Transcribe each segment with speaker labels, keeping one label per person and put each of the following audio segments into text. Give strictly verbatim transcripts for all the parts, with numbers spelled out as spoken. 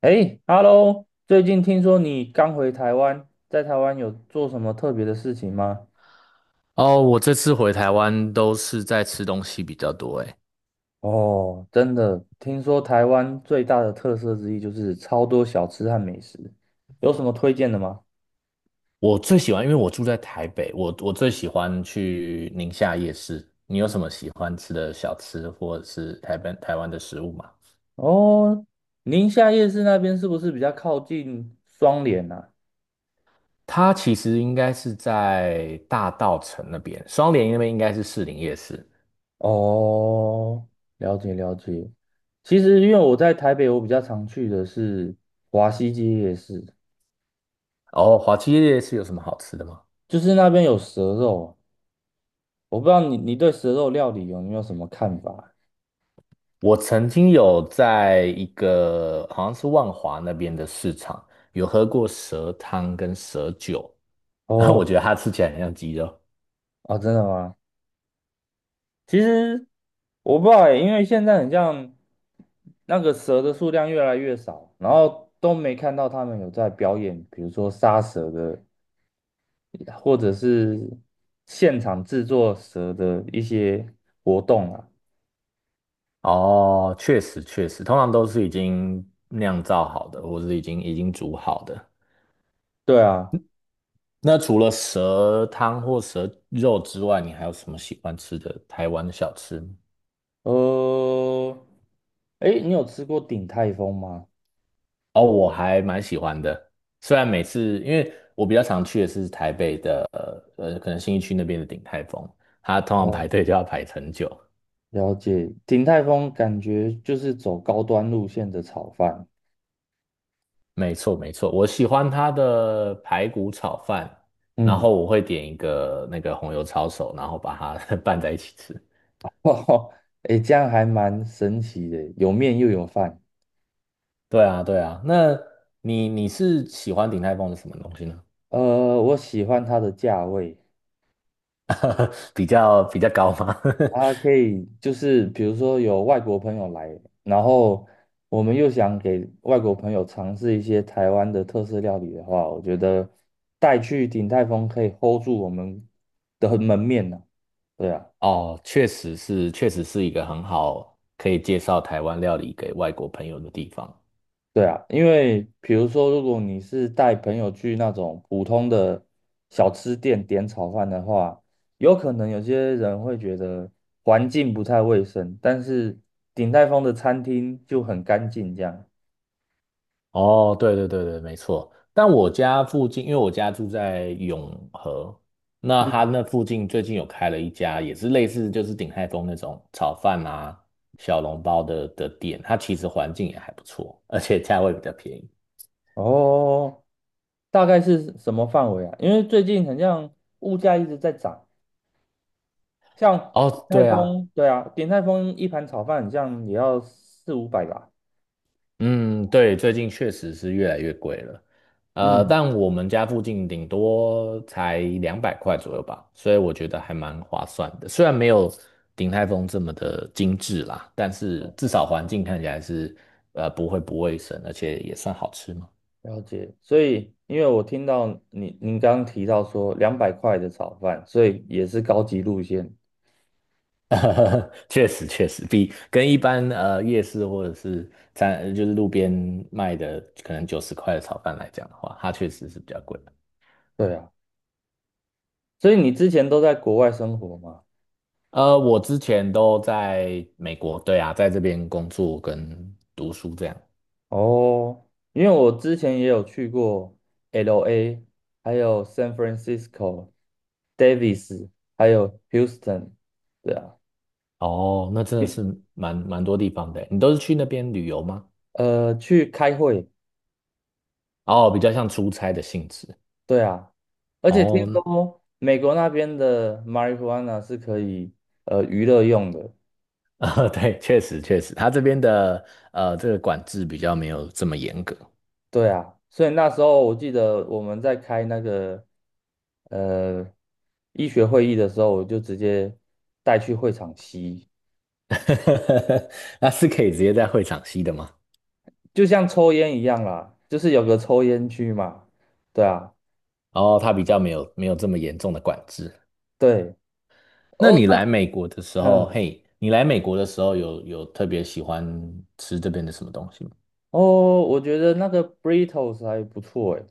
Speaker 1: 哎，Hello，最近听说你刚回台湾，在台湾有做什么特别的事情吗？
Speaker 2: 哦，我这次回台湾都是在吃东西比较多，诶。
Speaker 1: 哦，真的，听说台湾最大的特色之一就是超多小吃和美食，有什么推荐的吗？
Speaker 2: 我最喜欢，因为我住在台北，我我最喜欢去宁夏夜市。你有什么喜欢吃的小吃，或者是台北台湾的食物吗？
Speaker 1: 哦，宁夏夜市那边是不是比较靠近双连啊？
Speaker 2: 它其实应该是在大稻城那边，双连那边应该是士林夜市。
Speaker 1: 哦，了解了解。其实因为我在台北，我比较常去的是华西街夜市。
Speaker 2: 哦，华七夜市有什么好吃的吗？
Speaker 1: 就是那边有蛇肉啊。我不知道你你对蛇肉料理有没有什么看法？
Speaker 2: 我曾经有在一个好像是万华那边的市场，有喝过蛇汤跟蛇酒，然后
Speaker 1: 哦
Speaker 2: 我觉得它吃起来很像鸡肉。
Speaker 1: 哦，真的吗？其实我不知道欸，因为现在很像那个蛇的数量越来越少，然后都没看到他们有在表演，比如说杀蛇的，或者是现场制作蛇的一些活动啊。
Speaker 2: 哦，确实确实，通常都是已经酿造好的，或是已经已经煮好的。
Speaker 1: 对啊，
Speaker 2: 那除了蛇汤或蛇肉之外，你还有什么喜欢吃的台湾的小吃吗？
Speaker 1: 呃，诶，你有吃过鼎泰丰吗？
Speaker 2: 哦，我还蛮喜欢的，虽然每次因为我比较常去的是台北的，呃呃可能新义区那边的鼎泰丰，它通常
Speaker 1: 哦，
Speaker 2: 排队就要排很久。
Speaker 1: 了解，鼎泰丰感觉就是走高端路线的炒饭。
Speaker 2: 没错没错，我喜欢它的排骨炒饭，然
Speaker 1: 嗯，
Speaker 2: 后我会点一个那个红油抄手，然后把它 拌在一起吃。
Speaker 1: 哦，哎，这样还蛮神奇的，有面又有饭。
Speaker 2: 对啊，对啊。那你你是喜欢鼎泰丰的什么东西呢？
Speaker 1: 呃，我喜欢它的价位，
Speaker 2: 比较比较高吗？
Speaker 1: 它可以就是比如说有外国朋友来，然后我们又想给外国朋友尝试一些台湾的特色料理的话，我觉得带去鼎泰丰可以 hold 住我们的门面呢、对啊。
Speaker 2: 哦，确实是，确实是一个很好可以介绍台湾料理给外国朋友的地方。
Speaker 1: 对啊，因为比如说，如果你是带朋友去那种普通的小吃店点炒饭的话，有可能有些人会觉得环境不太卫生，但是鼎泰丰的餐厅就很干净这样。
Speaker 2: 哦，对对对对，没错。但我家附近，因为我家住在永和，那他那附近最近有开了一家，也是类似就是鼎泰丰那种炒饭啊、小笼包的的店，它其实环境也还不错，而且价位比较便宜。
Speaker 1: 哦，大概是什么范围啊？因为最近好像物价一直在涨，像鼎
Speaker 2: 哦，
Speaker 1: 泰
Speaker 2: 对啊，
Speaker 1: 丰，对啊，鼎泰丰一盘炒饭好像也要四五百吧。
Speaker 2: 嗯，对，最近确实是越来越贵了，呃，
Speaker 1: 嗯，
Speaker 2: 但我们家附近顶多才两百块左右吧，所以我觉得还蛮划算的。虽然没有鼎泰丰这么的精致啦，但是至少环境看起来是呃不会不卫生，而且也算好吃嘛。
Speaker 1: 了解，所以因为我听到你您刚刚提到说两百块的炒饭，所以也是高级路线。
Speaker 2: 确实确实，比跟一般呃夜市或者是餐就是路边卖的可能九十块的炒饭来讲的话，它确实是比较贵的。
Speaker 1: 对啊，所以你之前都在国外生活吗？
Speaker 2: 呃，我之前都在美国，对啊，在这边工作跟读书这样。
Speaker 1: 哦，因为我之前也有去过 L A，还有 San Francisco、Davis，还有 Houston。对啊，
Speaker 2: 哦，那真的是蛮蛮多地方的欸。你都是去那边旅游吗？
Speaker 1: 呃，去开会。
Speaker 2: 哦，比较像出差的性质。
Speaker 1: 对啊，而且听
Speaker 2: 哦，
Speaker 1: 说美国那边的 marijuana 是可以呃娱乐用的，
Speaker 2: 呃，对，确实确实，他这边的呃这个管制比较没有这么严格。
Speaker 1: 对啊，所以那时候我记得我们在开那个呃医学会议的时候，我就直接带去会场吸，
Speaker 2: 那是可以直接在会场吸的吗？
Speaker 1: 就像抽烟一样啦，就是有个抽烟区嘛。对啊，
Speaker 2: 哦，他比较没有没有这么严重的管制。
Speaker 1: 对，
Speaker 2: 那
Speaker 1: 哦，
Speaker 2: 你来美国的时候，
Speaker 1: 嗯，
Speaker 2: 嘿，你来美国的时候有有特别喜欢吃这边的什么东西吗？
Speaker 1: 哦，我觉得那个 Britos 还不错诶，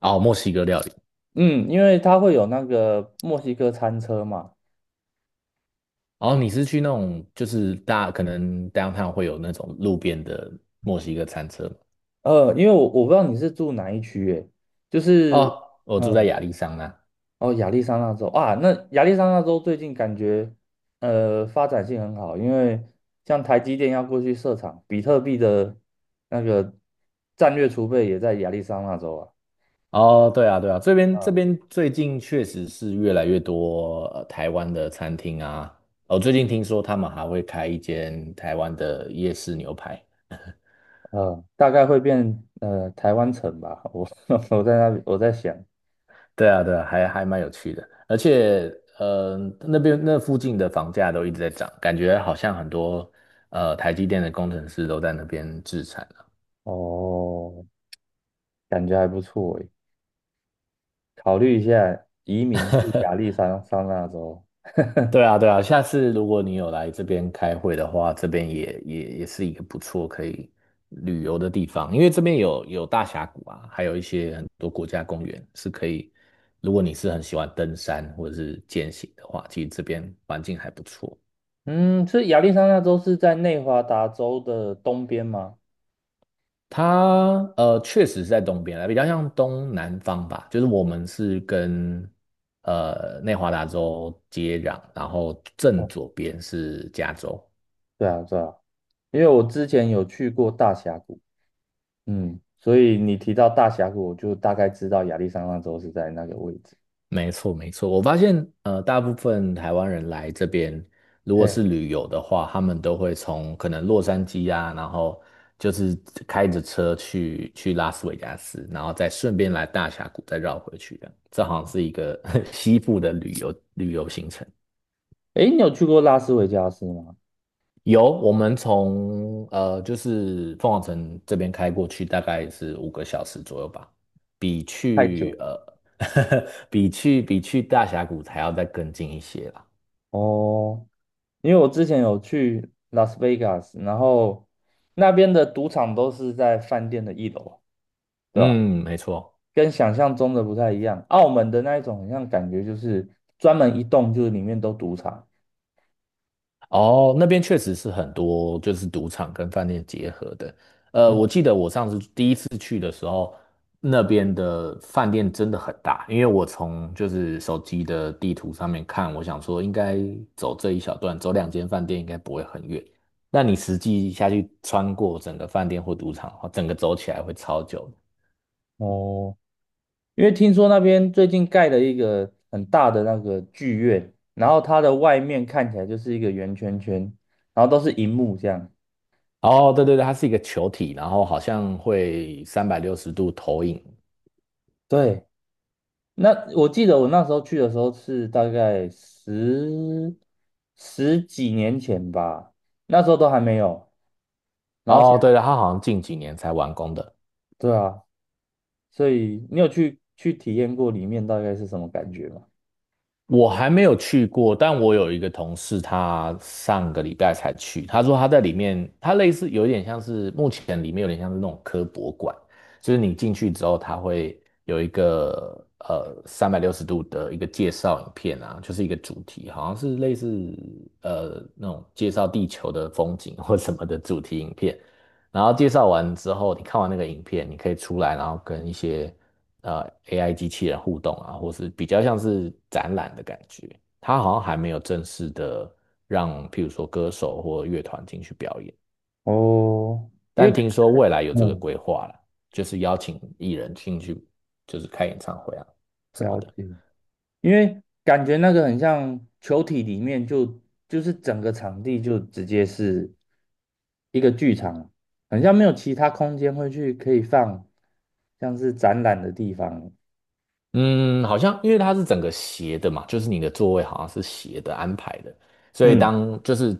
Speaker 2: 哦，墨西哥料理。
Speaker 1: 嗯，因为它会有那个墨西哥餐车嘛。
Speaker 2: 哦，你是去那种就是大可能 downtown 会有那种路边的墨西哥餐车吗？
Speaker 1: 呃，因为我我不知道你是住哪一区诶，就是。
Speaker 2: 哦，我住在
Speaker 1: 嗯。
Speaker 2: 亚利桑那。
Speaker 1: 哦，亚利桑那州啊，那亚利桑那州最近感觉呃发展性很好，因为像台积电要过去设厂，比特币的那个战略储备也在亚利桑那州啊，
Speaker 2: 哦，对啊，对啊，这边这边最近确实是越来越多呃台湾的餐厅啊。哦，最近听说他们还会开一间台湾的夜市牛排。
Speaker 1: 呃，大概会变呃台湾城吧，我 我在那里我在想，
Speaker 2: 对啊，对啊，还还蛮有趣的，而且，呃，那边那附近的房价都一直在涨，感觉好像很多呃台积电的工程师都在那边置产。
Speaker 1: 哦，感觉还不错诶，考虑一下移民去亚利桑桑那州，
Speaker 2: 对啊，对啊，下次如果你有来这边开会的话，这边也也也是一个不错可以旅游的地方，因为这边有有大峡谷啊，还有一些很多国家公园是可以，如果你是很喜欢登山或者是健行的话，其实这边环境还不错。
Speaker 1: 嗯，所以亚利桑那州是在内华达州的东边吗？
Speaker 2: 它呃确实是在东边比较像东南方吧，就是我们是跟呃内华达州接壤，然后正
Speaker 1: 哦，
Speaker 2: 左边是加州。
Speaker 1: 对啊，对啊。因为我之前有去过大峡谷，嗯，所以你提到大峡谷，我就大概知道亚利桑那州是在那个位置。
Speaker 2: 没错，没错。我发现，呃，大部分台湾人来这边，如果
Speaker 1: 嘿，
Speaker 2: 是旅游的话，他们都会从可能洛杉矶啊，然后就是开着车去去拉斯维加斯，然后再顺便来大峡谷，再绕回去的。这好像是一个 西部的旅游旅游行程。
Speaker 1: 诶，你有去过拉斯维加斯吗？
Speaker 2: 有，我们从呃就是凤凰城这边开过去，大概是五个小时左右吧，比
Speaker 1: 太久
Speaker 2: 去
Speaker 1: 了。
Speaker 2: 呃 比去比去大峡谷还要再更近一些啦。
Speaker 1: 哦，因为我之前有去拉斯维加斯，然后那边的赌场都是在饭店的一楼，对吧？
Speaker 2: 嗯，没错。
Speaker 1: 跟想象中的不太一样。澳门的那一种，好像感觉就是专门一栋，就是里面都赌场。
Speaker 2: 哦，那边确实是很多就是赌场跟饭店结合的。呃，
Speaker 1: 嗯，
Speaker 2: 我记得我上次第一次去的时候，那边的饭店真的很大，因为我从就是手机的地图上面看，我想说应该走这一小段，走两间饭店应该不会很远。那你实际下去穿过整个饭店或赌场的话，整个走起来会超久的。
Speaker 1: 哦，因为听说那边最近盖了一个很大的那个剧院，然后它的外面看起来就是一个圆圈圈，然后都是荧幕这样。
Speaker 2: 哦，对对对，它是一个球体，然后好像会三百六十度投影。
Speaker 1: 对，那我记得我那时候去的时候是大概十十几年前吧，那时候都还没有。然后
Speaker 2: 哦，对
Speaker 1: 现
Speaker 2: 了，它好像近几年才完工的。
Speaker 1: 对啊，所以你有去去体验过里面大概是什么感觉吗？
Speaker 2: 我还没有去过，但我有一个同事，他上个礼拜才去。他说他在里面，他类似有点像是目前里面有点像是那种科博馆，就是你进去之后，他会有一个呃三百六十度的一个介绍影片啊，就是一个主题，好像是类似呃那种介绍地球的风景或什么的主题影片。然后介绍完之后，你看完那个影片，你可以出来，然后跟一些呃 A I 机器人互动啊，或是比较像是展览的感觉。它好像还没有正式的让，譬如说歌手或乐团进去表演，
Speaker 1: 哦，因为
Speaker 2: 但
Speaker 1: 感
Speaker 2: 听说未来有这个
Speaker 1: 嗯，
Speaker 2: 规划了，就是邀请艺人进去，就是开演唱会啊什么
Speaker 1: 了
Speaker 2: 的。
Speaker 1: 解。因为感觉那个很像球体里面就就是整个场地就直接是一个剧场，很像没有其他空间会去可以放像是展览的地方。
Speaker 2: 嗯，好像因为它是整个斜的嘛，就是你的座位好像是斜的安排的，所以
Speaker 1: 嗯，
Speaker 2: 当就是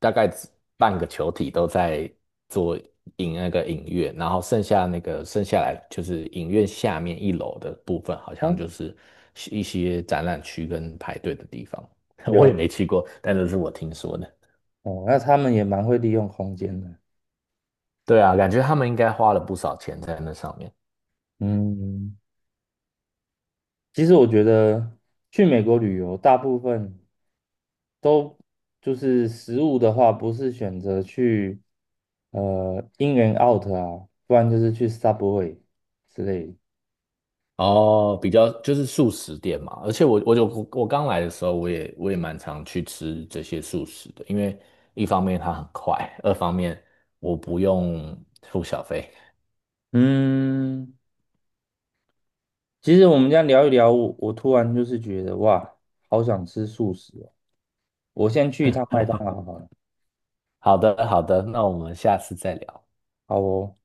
Speaker 2: 大概只半个球体都在做影那个影院，然后剩下那个剩下来就是影院下面一楼的部分，好像
Speaker 1: 哦，
Speaker 2: 就是一些展览区跟排队的地方。我也
Speaker 1: 了
Speaker 2: 没去过，但这是我听说的。
Speaker 1: 哦，那他们也蛮会利用空间的。
Speaker 2: 对啊，感觉他们应该花了不少钱在那上面。
Speaker 1: 嗯，其实我觉得去美国旅游，大部分都就是食物的话，不是选择去呃 In and Out 啊，不然就是去 Subway 之类的。
Speaker 2: 哦，比较就是素食店嘛，而且我我就我刚来的时候，我也我也蛮常去吃这些素食的，因为一方面它很快，二方面我不用付小费。
Speaker 1: 嗯，其实我们这样聊一聊，我我突然就是觉得哇，好想吃素食哦！我先去一趟麦当劳好了。
Speaker 2: 好的，好的，那我们下次再聊。
Speaker 1: 好哦。